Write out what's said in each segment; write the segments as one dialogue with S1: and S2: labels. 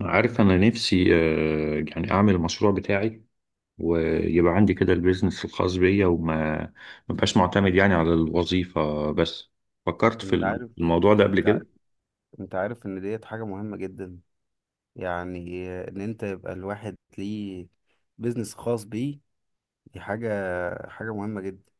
S1: عارف أنا نفسي يعني أعمل المشروع بتاعي، ويبقى عندي كده البيزنس الخاص بيا وما ما بقاش معتمد يعني على الوظيفة بس. فكرت
S2: انت
S1: في
S2: عارف
S1: الموضوع ده قبل
S2: انت ع-
S1: كده.
S2: انت عارف ان ديت حاجة مهمة جدا. يعني ان انت يبقى الواحد ليه بيزنس خاص بيه. دي حاجة مهمة جدا.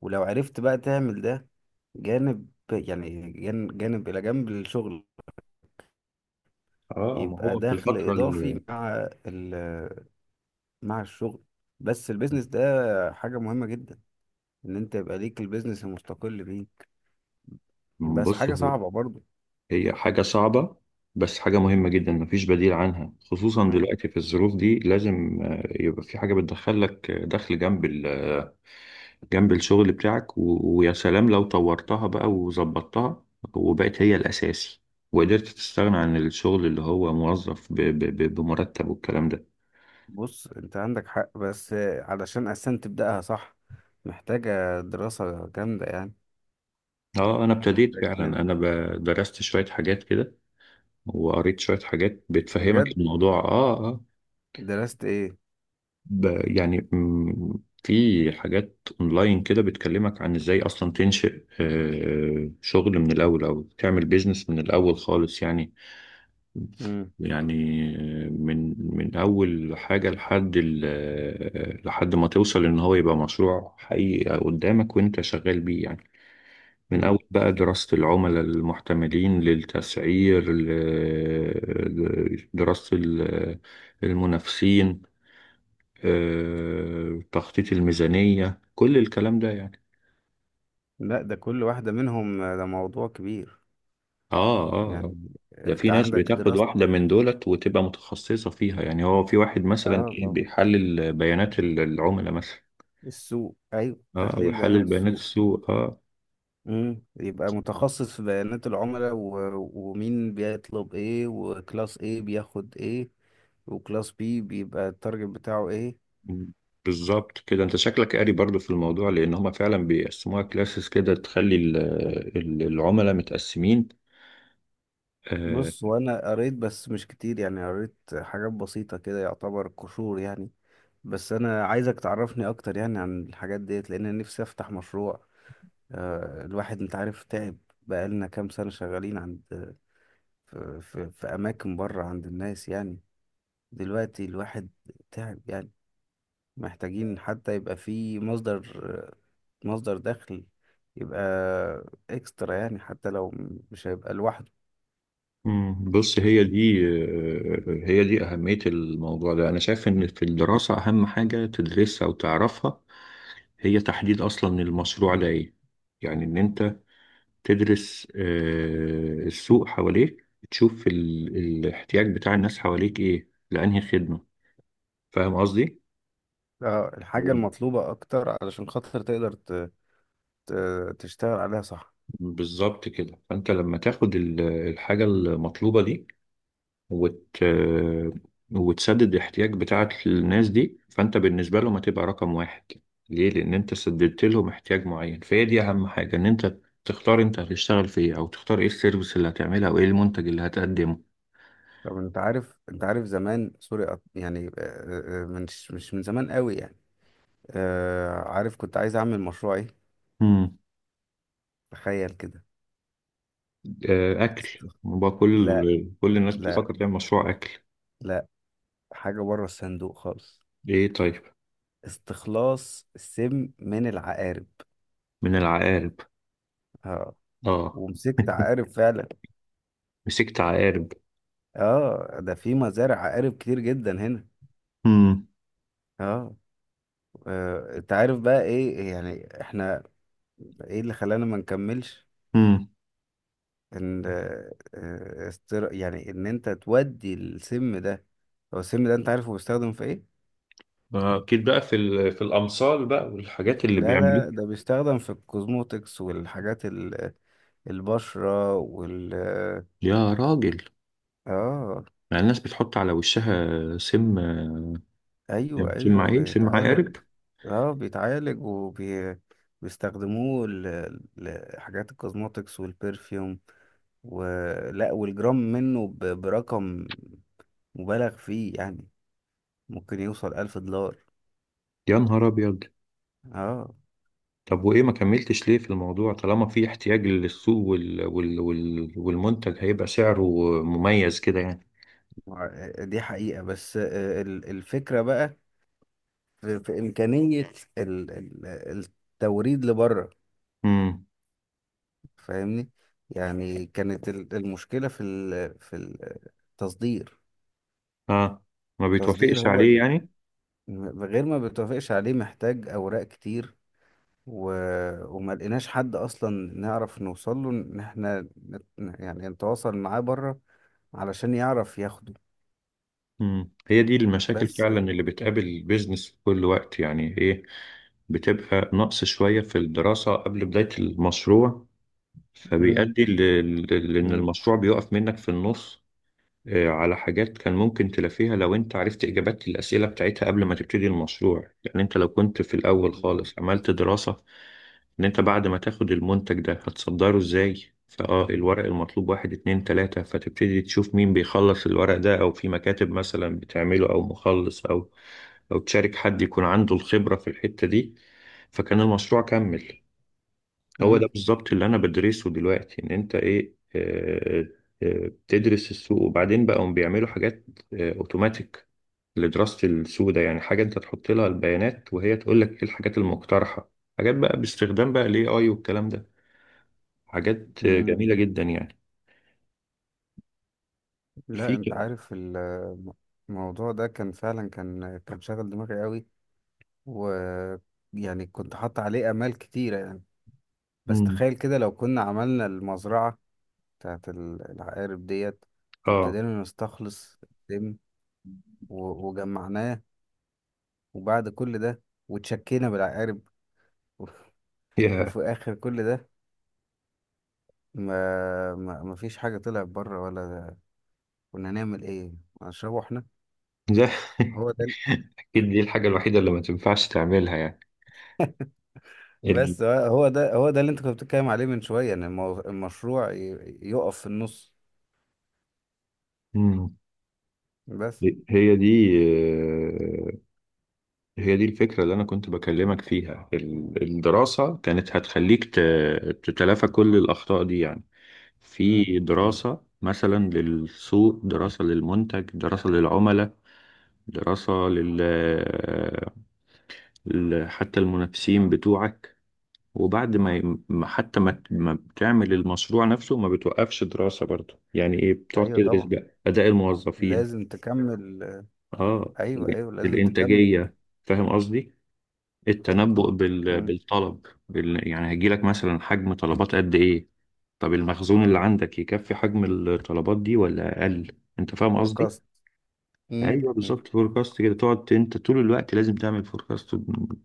S2: ولو عرفت بقى تعمل ده جانب الى جنب الشغل،
S1: اه، ما
S2: يبقى
S1: هو في
S2: دخل
S1: الفترة
S2: اضافي
S1: اللي...
S2: مع الشغل. بس البيزنس ده حاجة مهمة جدا، ان انت يبقى ليك البيزنس المستقل بيه. بس
S1: بص
S2: حاجة
S1: هو...
S2: صعبة برضو.
S1: هي حاجة صعبة، بس حاجة مهمة جدا مفيش بديل عنها، خصوصا دلوقتي في الظروف دي لازم يبقى في حاجة بتدخل لك دخل جنب جنب الشغل بتاعك، ويا سلام لو طورتها بقى وظبطتها وبقت هي الأساسي وقدرت تستغنى عن الشغل اللي هو موظف بمرتب والكلام ده.
S2: بص، انت عندك حق، بس علشان اساسا تبداها صح محتاجه دراسه جامده يعني.
S1: اه، انا ابتديت
S2: محتاج
S1: فعلا،
S2: ان انت-
S1: درست شوية حاجات كده، وقريت شوية حاجات بتفهمك
S2: بجد
S1: الموضوع. اه اه.
S2: درست ايه؟
S1: ب... يعني م... في حاجات اونلاين كده بتكلمك عن ازاي اصلا تنشئ شغل من الاول، او تعمل بيزنس من الاول خالص يعني.
S2: امم.
S1: يعني من أول حاجة لحد لحد ما توصل إن هو يبقى مشروع حقيقي قدامك وأنت شغال بيه يعني. من أول
S2: امم.
S1: بقى دراسة العملاء المحتملين للتسعير، دراسة المنافسين، تخطيط الميزانية، كل الكلام ده يعني.
S2: لا، ده كل واحده منهم ده موضوع كبير.
S1: اه اه آه.
S2: يعني
S1: ده
S2: انت
S1: في ناس
S2: عندك
S1: بتاخد
S2: دراسه.
S1: واحدة من دولت وتبقى متخصصة فيها، يعني هو في واحد مثلا
S2: اه
S1: ايه
S2: طبعا،
S1: بيحلل بيانات العملاء مثلا.
S2: السوق، ايوه،
S1: اه، او
S2: تحليل
S1: يحلل
S2: بيانات
S1: بيانات
S2: السوق.
S1: السوق، اه.
S2: يبقى متخصص في بيانات العملاء و، ومين بيطلب ايه، وكلاس ايه بياخد ايه، وكلاس بي بيبقى التارجت بتاعه ايه.
S1: بالظبط كده، انت شكلك قاري برضو في الموضوع، لان هما فعلا بيقسموها كلاسز كده، تخلي العملاء متقسمين. آه.
S2: بص، وانا قريت بس مش كتير، يعني قريت حاجات بسيطة كده يعتبر قشور يعني. بس انا عايزك تعرفني اكتر يعني عن الحاجات ديت، لان أنا نفسي افتح مشروع. الواحد انت عارف تعب، بقالنا كام سنة شغالين عند في اماكن بره عند الناس يعني. دلوقتي الواحد تعب يعني. محتاجين حتى يبقى في مصدر دخل يبقى اكسترا يعني، حتى لو مش هيبقى لوحده.
S1: مم، بص هي دي أهمية الموضوع ده. أنا شايف إن في الدراسة أهم حاجة تدرسها وتعرفها هي تحديد أصلا المشروع ده إيه. يعني إن أنت تدرس السوق حواليك، تشوف الاحتياج بتاع الناس حواليك إيه، لأنهي خدمة. فاهم قصدي؟
S2: اه، الحاجة
S1: مم.
S2: المطلوبة أكتر علشان خاطر تقدر تشتغل عليها صح.
S1: بالظبط كده، فأنت لما تاخد الحاجة المطلوبة دي وت... وتسدد الاحتياج بتاعك للناس دي، فانت بالنسبة لهم هتبقى رقم واحد. ليه؟ لأن انت سددت لهم احتياج معين، فهي دي أهم حاجة، إن انت تختار انت هتشتغل في ايه، أو تختار ايه السيرفيس اللي هتعملها، أو ايه المنتج اللي هتقدمه.
S2: طب أنت عارف زمان، سوري، يعني مش من زمان قوي يعني. عارف كنت عايز أعمل مشروع إيه؟
S1: مم.
S2: تخيل كده.
S1: أكل
S2: است-
S1: بقى،
S2: لا،
S1: كل الناس
S2: لا،
S1: بتفكر تعمل مشروع أكل.
S2: لا، حاجة بره الصندوق خالص.
S1: ايه طيب؟
S2: استخلاص السم من العقارب.
S1: من العقارب.
S2: اه.
S1: اه.
S2: ومسكت عقارب فعلا.
S1: مسكت عقارب.
S2: اه. ده في مزارع عقارب كتير جدا هنا.
S1: مم.
S2: اه. انت عارف بقى ايه، يعني احنا ايه اللي خلانا ما نكملش؟
S1: مم.
S2: ان يعني ان انت تودي السم ده. هو السم ده انت عارفه بيستخدم في ايه؟
S1: أكيد بقى في في الأمثال بقى والحاجات اللي
S2: لا،
S1: بيعملوها.
S2: لا، ده بيستخدم في الكوزموتكس والحاجات البشرة
S1: يا راجل،
S2: اه.
S1: يعني الناس بتحط على وشها سم؟
S2: ايوه،
S1: سم
S2: ايوه
S1: ايه، سم
S2: بيتعالج.
S1: عقارب؟
S2: اه، بيتعالج وبيستخدموه لحاجات الكوزموتكس والبرفيوم. ولا والجرام منه برقم مبالغ فيه يعني، ممكن يوصل 1000 دولار.
S1: يا نهار ابيض.
S2: اه.
S1: طب وايه ما كملتش ليه في الموضوع؟ طالما في احتياج للسوق والمنتج هيبقى سعره مميز كده يعني.
S2: دي حقيقة، بس الفكرة بقى، في إمكانية ال- ال- التوريد لبره.
S1: امم.
S2: فاهمني؟ يعني كانت المشكلة في في التصدير.
S1: اه، ما
S2: التصدير
S1: بيتوافقش
S2: هو
S1: عليه يعني.
S2: غير ما بتوافقش عليه، محتاج أوراق كتير، و... وما لقيناش حد أصلا نعرف نوصل له، إن إحنا يعني نتواصل معاه بره علشان يعرف ياخده.
S1: هي دي المشاكل
S2: بس.
S1: فعلا اللي بتقابل البيزنس في كل وقت يعني. ايه بتبقى؟ نقص شوية في الدراسة قبل بداية المشروع،
S2: مم.
S1: فبيؤدي لان
S2: مم.
S1: المشروع بيقف منك في النص على حاجات كان ممكن تلافيها، لو انت عرفت اجابات الاسئله بتاعتها قبل ما تبتدي المشروع. يعني انت لو كنت في الاول
S2: بالظبط.
S1: خالص عملت دراسه ان انت بعد ما تاخد المنتج ده هتصدره ازاي، فاه، الورق المطلوب واحد اتنين تلاته، فتبتدي تشوف مين بيخلص الورق ده، او في مكاتب مثلا بتعمله، او مخلص، او تشارك حد يكون عنده الخبره في الحته دي، فكان المشروع كمل. هو ده
S2: مم.
S1: بالظبط اللي انا بدرسه دلوقتي، ان انت ايه، بتدرس السوق، وبعدين بقى هم بيعملوا حاجات اوتوماتيك لدراسة السوق ده، يعني حاجة انت تحط لها البيانات وهي تقول لك ايه الحاجات المقترحة، حاجات بقى باستخدام بقى الاي اي والكلام ده، حاجات
S2: مم.
S1: جميلة جدا يعني.
S2: لا،
S1: في
S2: انت
S1: ك-
S2: عارف الموضوع ده كان فعلا، كان شاغل دماغي قوي. ويعني كنت حاطط عليه امال كتيره يعني. بس
S1: مم.
S2: تخيل كده لو كنا عملنا المزرعه بتاعت العقارب ديت،
S1: اه،
S2: وابتدينا نستخلص الدم، وجمعناه، وبعد كل ده، وتشكينا بالعقارب.
S1: يا
S2: وفي اخر كل ده ما فيش حاجه طلعت بره، ولا كنا نعمل ايه، هنشربه احنا؟
S1: ده.
S2: هو ده.
S1: اكيد دي الحاجة الوحيدة اللي ما تنفعش تعملها يعني ال...
S2: بس هو ده اللي انت كنت بتتكلم عليه من شوية، ان المشروع يقف في النص.
S1: مم.
S2: بس.
S1: هي دي آه، هي دي الفكرة اللي أنا كنت بكلمك فيها، الدراسة كانت هتخليك تتلافى كل الأخطاء دي يعني. في
S2: مم. مم.
S1: دراسة مثلا للسوق، دراسة للمنتج، دراسة للعملاء، دراسة حتى المنافسين بتوعك. وبعد ما حتى ما بتعمل المشروع نفسه ما بتوقفش دراسة برضه، يعني إيه؟ بتقعد
S2: ايوه
S1: تدرس
S2: طبعا،
S1: بقى أداء الموظفين،
S2: لازم تكمل.
S1: آه
S2: ايوه،
S1: ال-
S2: ايوه لازم تكمل.
S1: الإنتاجية. فاهم قصدي؟
S2: ايوه.
S1: التنبؤ
S2: مم.
S1: بالطلب، يعني هيجيلك مثلا حجم طلبات قد ايه؟ طب المخزون اللي عندك يكفي حجم الطلبات دي ولا اقل؟ انت فاهم قصدي.
S2: فوركاست. مم.
S1: ايوه
S2: مم.
S1: بالظبط، فوركاست كده، تقعد انت طول الوقت لازم تعمل فوركاست،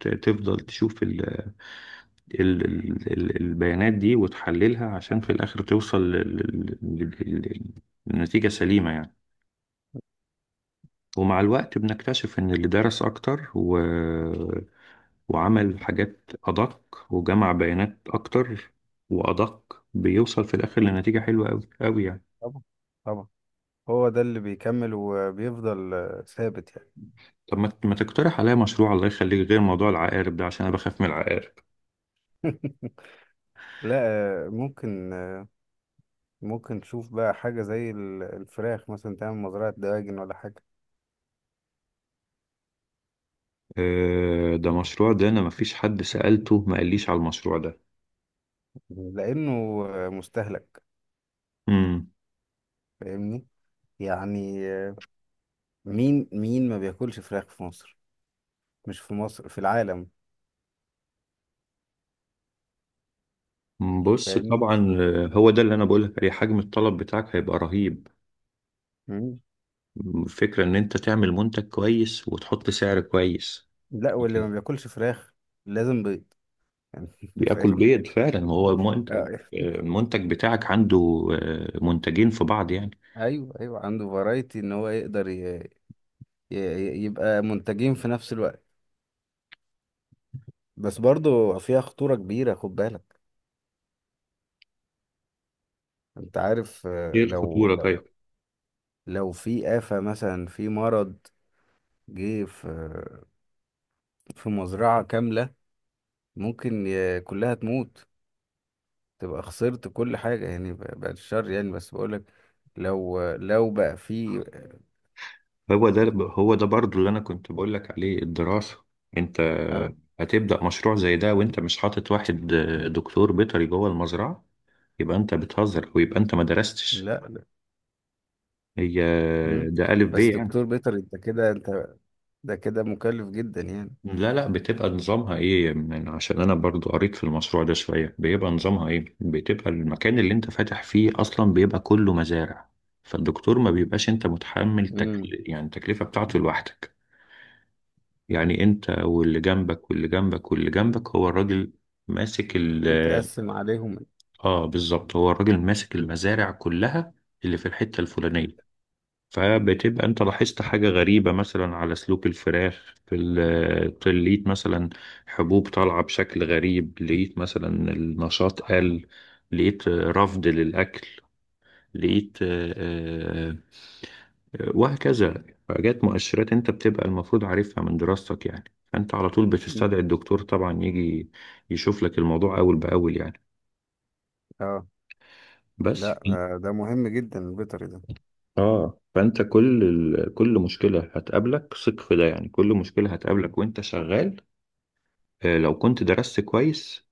S1: تفضل
S2: مم.
S1: تشوف البيانات دي وتحللها، عشان في الاخر توصل لل... لل... للنتيجة سليمة يعني. ومع الوقت بنكتشف ان اللي درس اكتر وعمل حاجات أدق، وجمع بيانات أكتر وأدق، بيوصل في الآخر لنتيجة حلوة أوي أوي يعني.
S2: طبعا، طبعا، هو ده اللي بيكمل وبيفضل ثابت يعني.
S1: طب ما تقترح عليا مشروع الله يخليك، غير موضوع العقارب ده عشان أنا بخاف من العقارب.
S2: لا، ممكن، ممكن تشوف بقى حاجة زي الفراخ مثلا، تعمل مزرعة دواجن ولا حاجة.
S1: آه، ده مشروع ده أنا مفيش حد سألته ما قاليش على المشروع ده.
S2: لأنه مستهلك.
S1: امم.
S2: فاهمني؟ يعني مين مين ما بياكلش فراخ في مصر؟ مش في مصر، في العالم.
S1: بص
S2: فاهمني؟
S1: طبعا، هو ده اللي أنا بقولك عليه، حجم الطلب بتاعك هيبقى رهيب.
S2: مم.
S1: الفكرة إن أنت تعمل منتج كويس وتحط سعر كويس.
S2: لا، واللي ما بياكلش فراخ لازم بيض.
S1: بياكل
S2: فاهمني؟
S1: بيض فعلا، هو منتج.
S2: آه،
S1: المنتج بتاعك عنده منتجين في بعض يعني.
S2: ايوه، ايوه عنده فرايتي ان هو يقدر يبقى منتجين في نفس الوقت. بس برضو فيها خطورة كبيرة، خد بالك. انت عارف،
S1: ايه
S2: آه، لو
S1: الخطورة
S2: لو
S1: طيب؟
S2: لو في آفة مثلا، في مرض جه في مزرعة كاملة، ممكن كلها تموت. تبقى خسرت كل حاجة يعني، بعد الشر يعني، بس بقولك لو بقى في.
S1: هو ده هو ده برضو اللي انا كنت بقول لك عليه، الدراسة. انت
S2: أه.
S1: هتبدأ مشروع زي ده وانت مش حاطط واحد دكتور بيطري جوه المزرعة، يبقى انت بتهزر، ويبقى انت ما درستش.
S2: لا، لا.
S1: هي
S2: مم.
S1: ده ألف ب
S2: بس
S1: يعني.
S2: دكتور بيتر، انت كده، انت ده كده مكلف جدا يعني.
S1: لا لا، بتبقى نظامها ايه؟ من عشان انا برضو قريت في المشروع ده شوية، بيبقى نظامها ايه، بتبقى المكان اللي انت فاتح فيه اصلا بيبقى كله مزارع، فالدكتور ما بيبقاش انت متحمل
S2: مم.
S1: يعني التكلفة بتاعته لوحدك، يعني انت واللي جنبك واللي جنبك واللي جنبك، هو الراجل ماسك
S2: بيتقسم عليهم.
S1: اه بالظبط، هو الراجل ماسك المزارع كلها اللي في الحتة الفلانية. فبتبقى انت لاحظت حاجة غريبة مثلا على سلوك الفراخ في لقيت مثلا حبوب طالعة بشكل غريب، لقيت مثلا النشاط قل، لقيت رفض للأكل، لقيت وهكذا، حاجات مؤشرات انت بتبقى المفروض عارفها من دراستك يعني. فانت على طول
S2: مم.
S1: بتستدعي الدكتور، طبعا يجي يشوف لك الموضوع أول بأول يعني.
S2: اه.
S1: بس
S2: لا، ده مهم جدا البيطري ده.
S1: اه، فانت كل كل مشكله هتقابلك، ثق في ده يعني، كل مشكله هتقابلك وانت شغال لو كنت درست كويس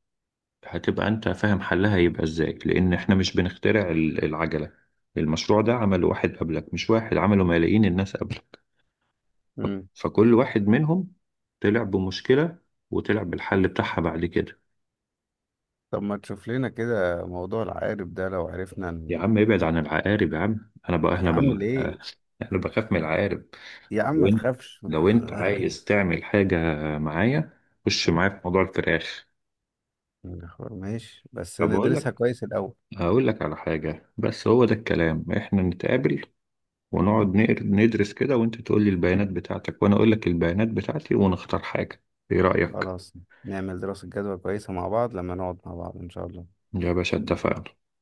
S1: هتبقى انت فاهم حلها هيبقى ازاي، لان احنا مش بنخترع العجله. المشروع ده عمله واحد قبلك، مش واحد، عمله ملايين الناس قبلك، ف-
S2: مم.
S1: فكل واحد منهم طلع بمشكله وطلع بالحل بتاعها بعد كده.
S2: طب ما تشوف لنا كده موضوع العقارب ده، لو عرفنا
S1: يا
S2: ان...
S1: عم ابعد عن العقارب يا عم، انا بقى،
S2: يا
S1: احنا بقى
S2: عم ليه؟
S1: انا بخاف من العقارب.
S2: يا عم
S1: لو
S2: ما
S1: انت
S2: تخافش.
S1: لو انت عايز تعمل حاجة معايا، خش معايا في موضوع الفراخ.
S2: ماشي بس
S1: طب اقول لك
S2: ندرسها كويس الأول.
S1: اقول لك على حاجة، بس هو ده الكلام، احنا نتقابل ونقعد ندرس كده، وانت تقول لي البيانات بتاعتك، وانا اقول لك البيانات بتاعتي، ونختار حاجة. ايه رأيك؟
S2: خلاص، نعمل دراسة جدوى كويسة مع بعض لما نقعد مع بعض إن شاء الله.
S1: يا باشا، اتفقنا.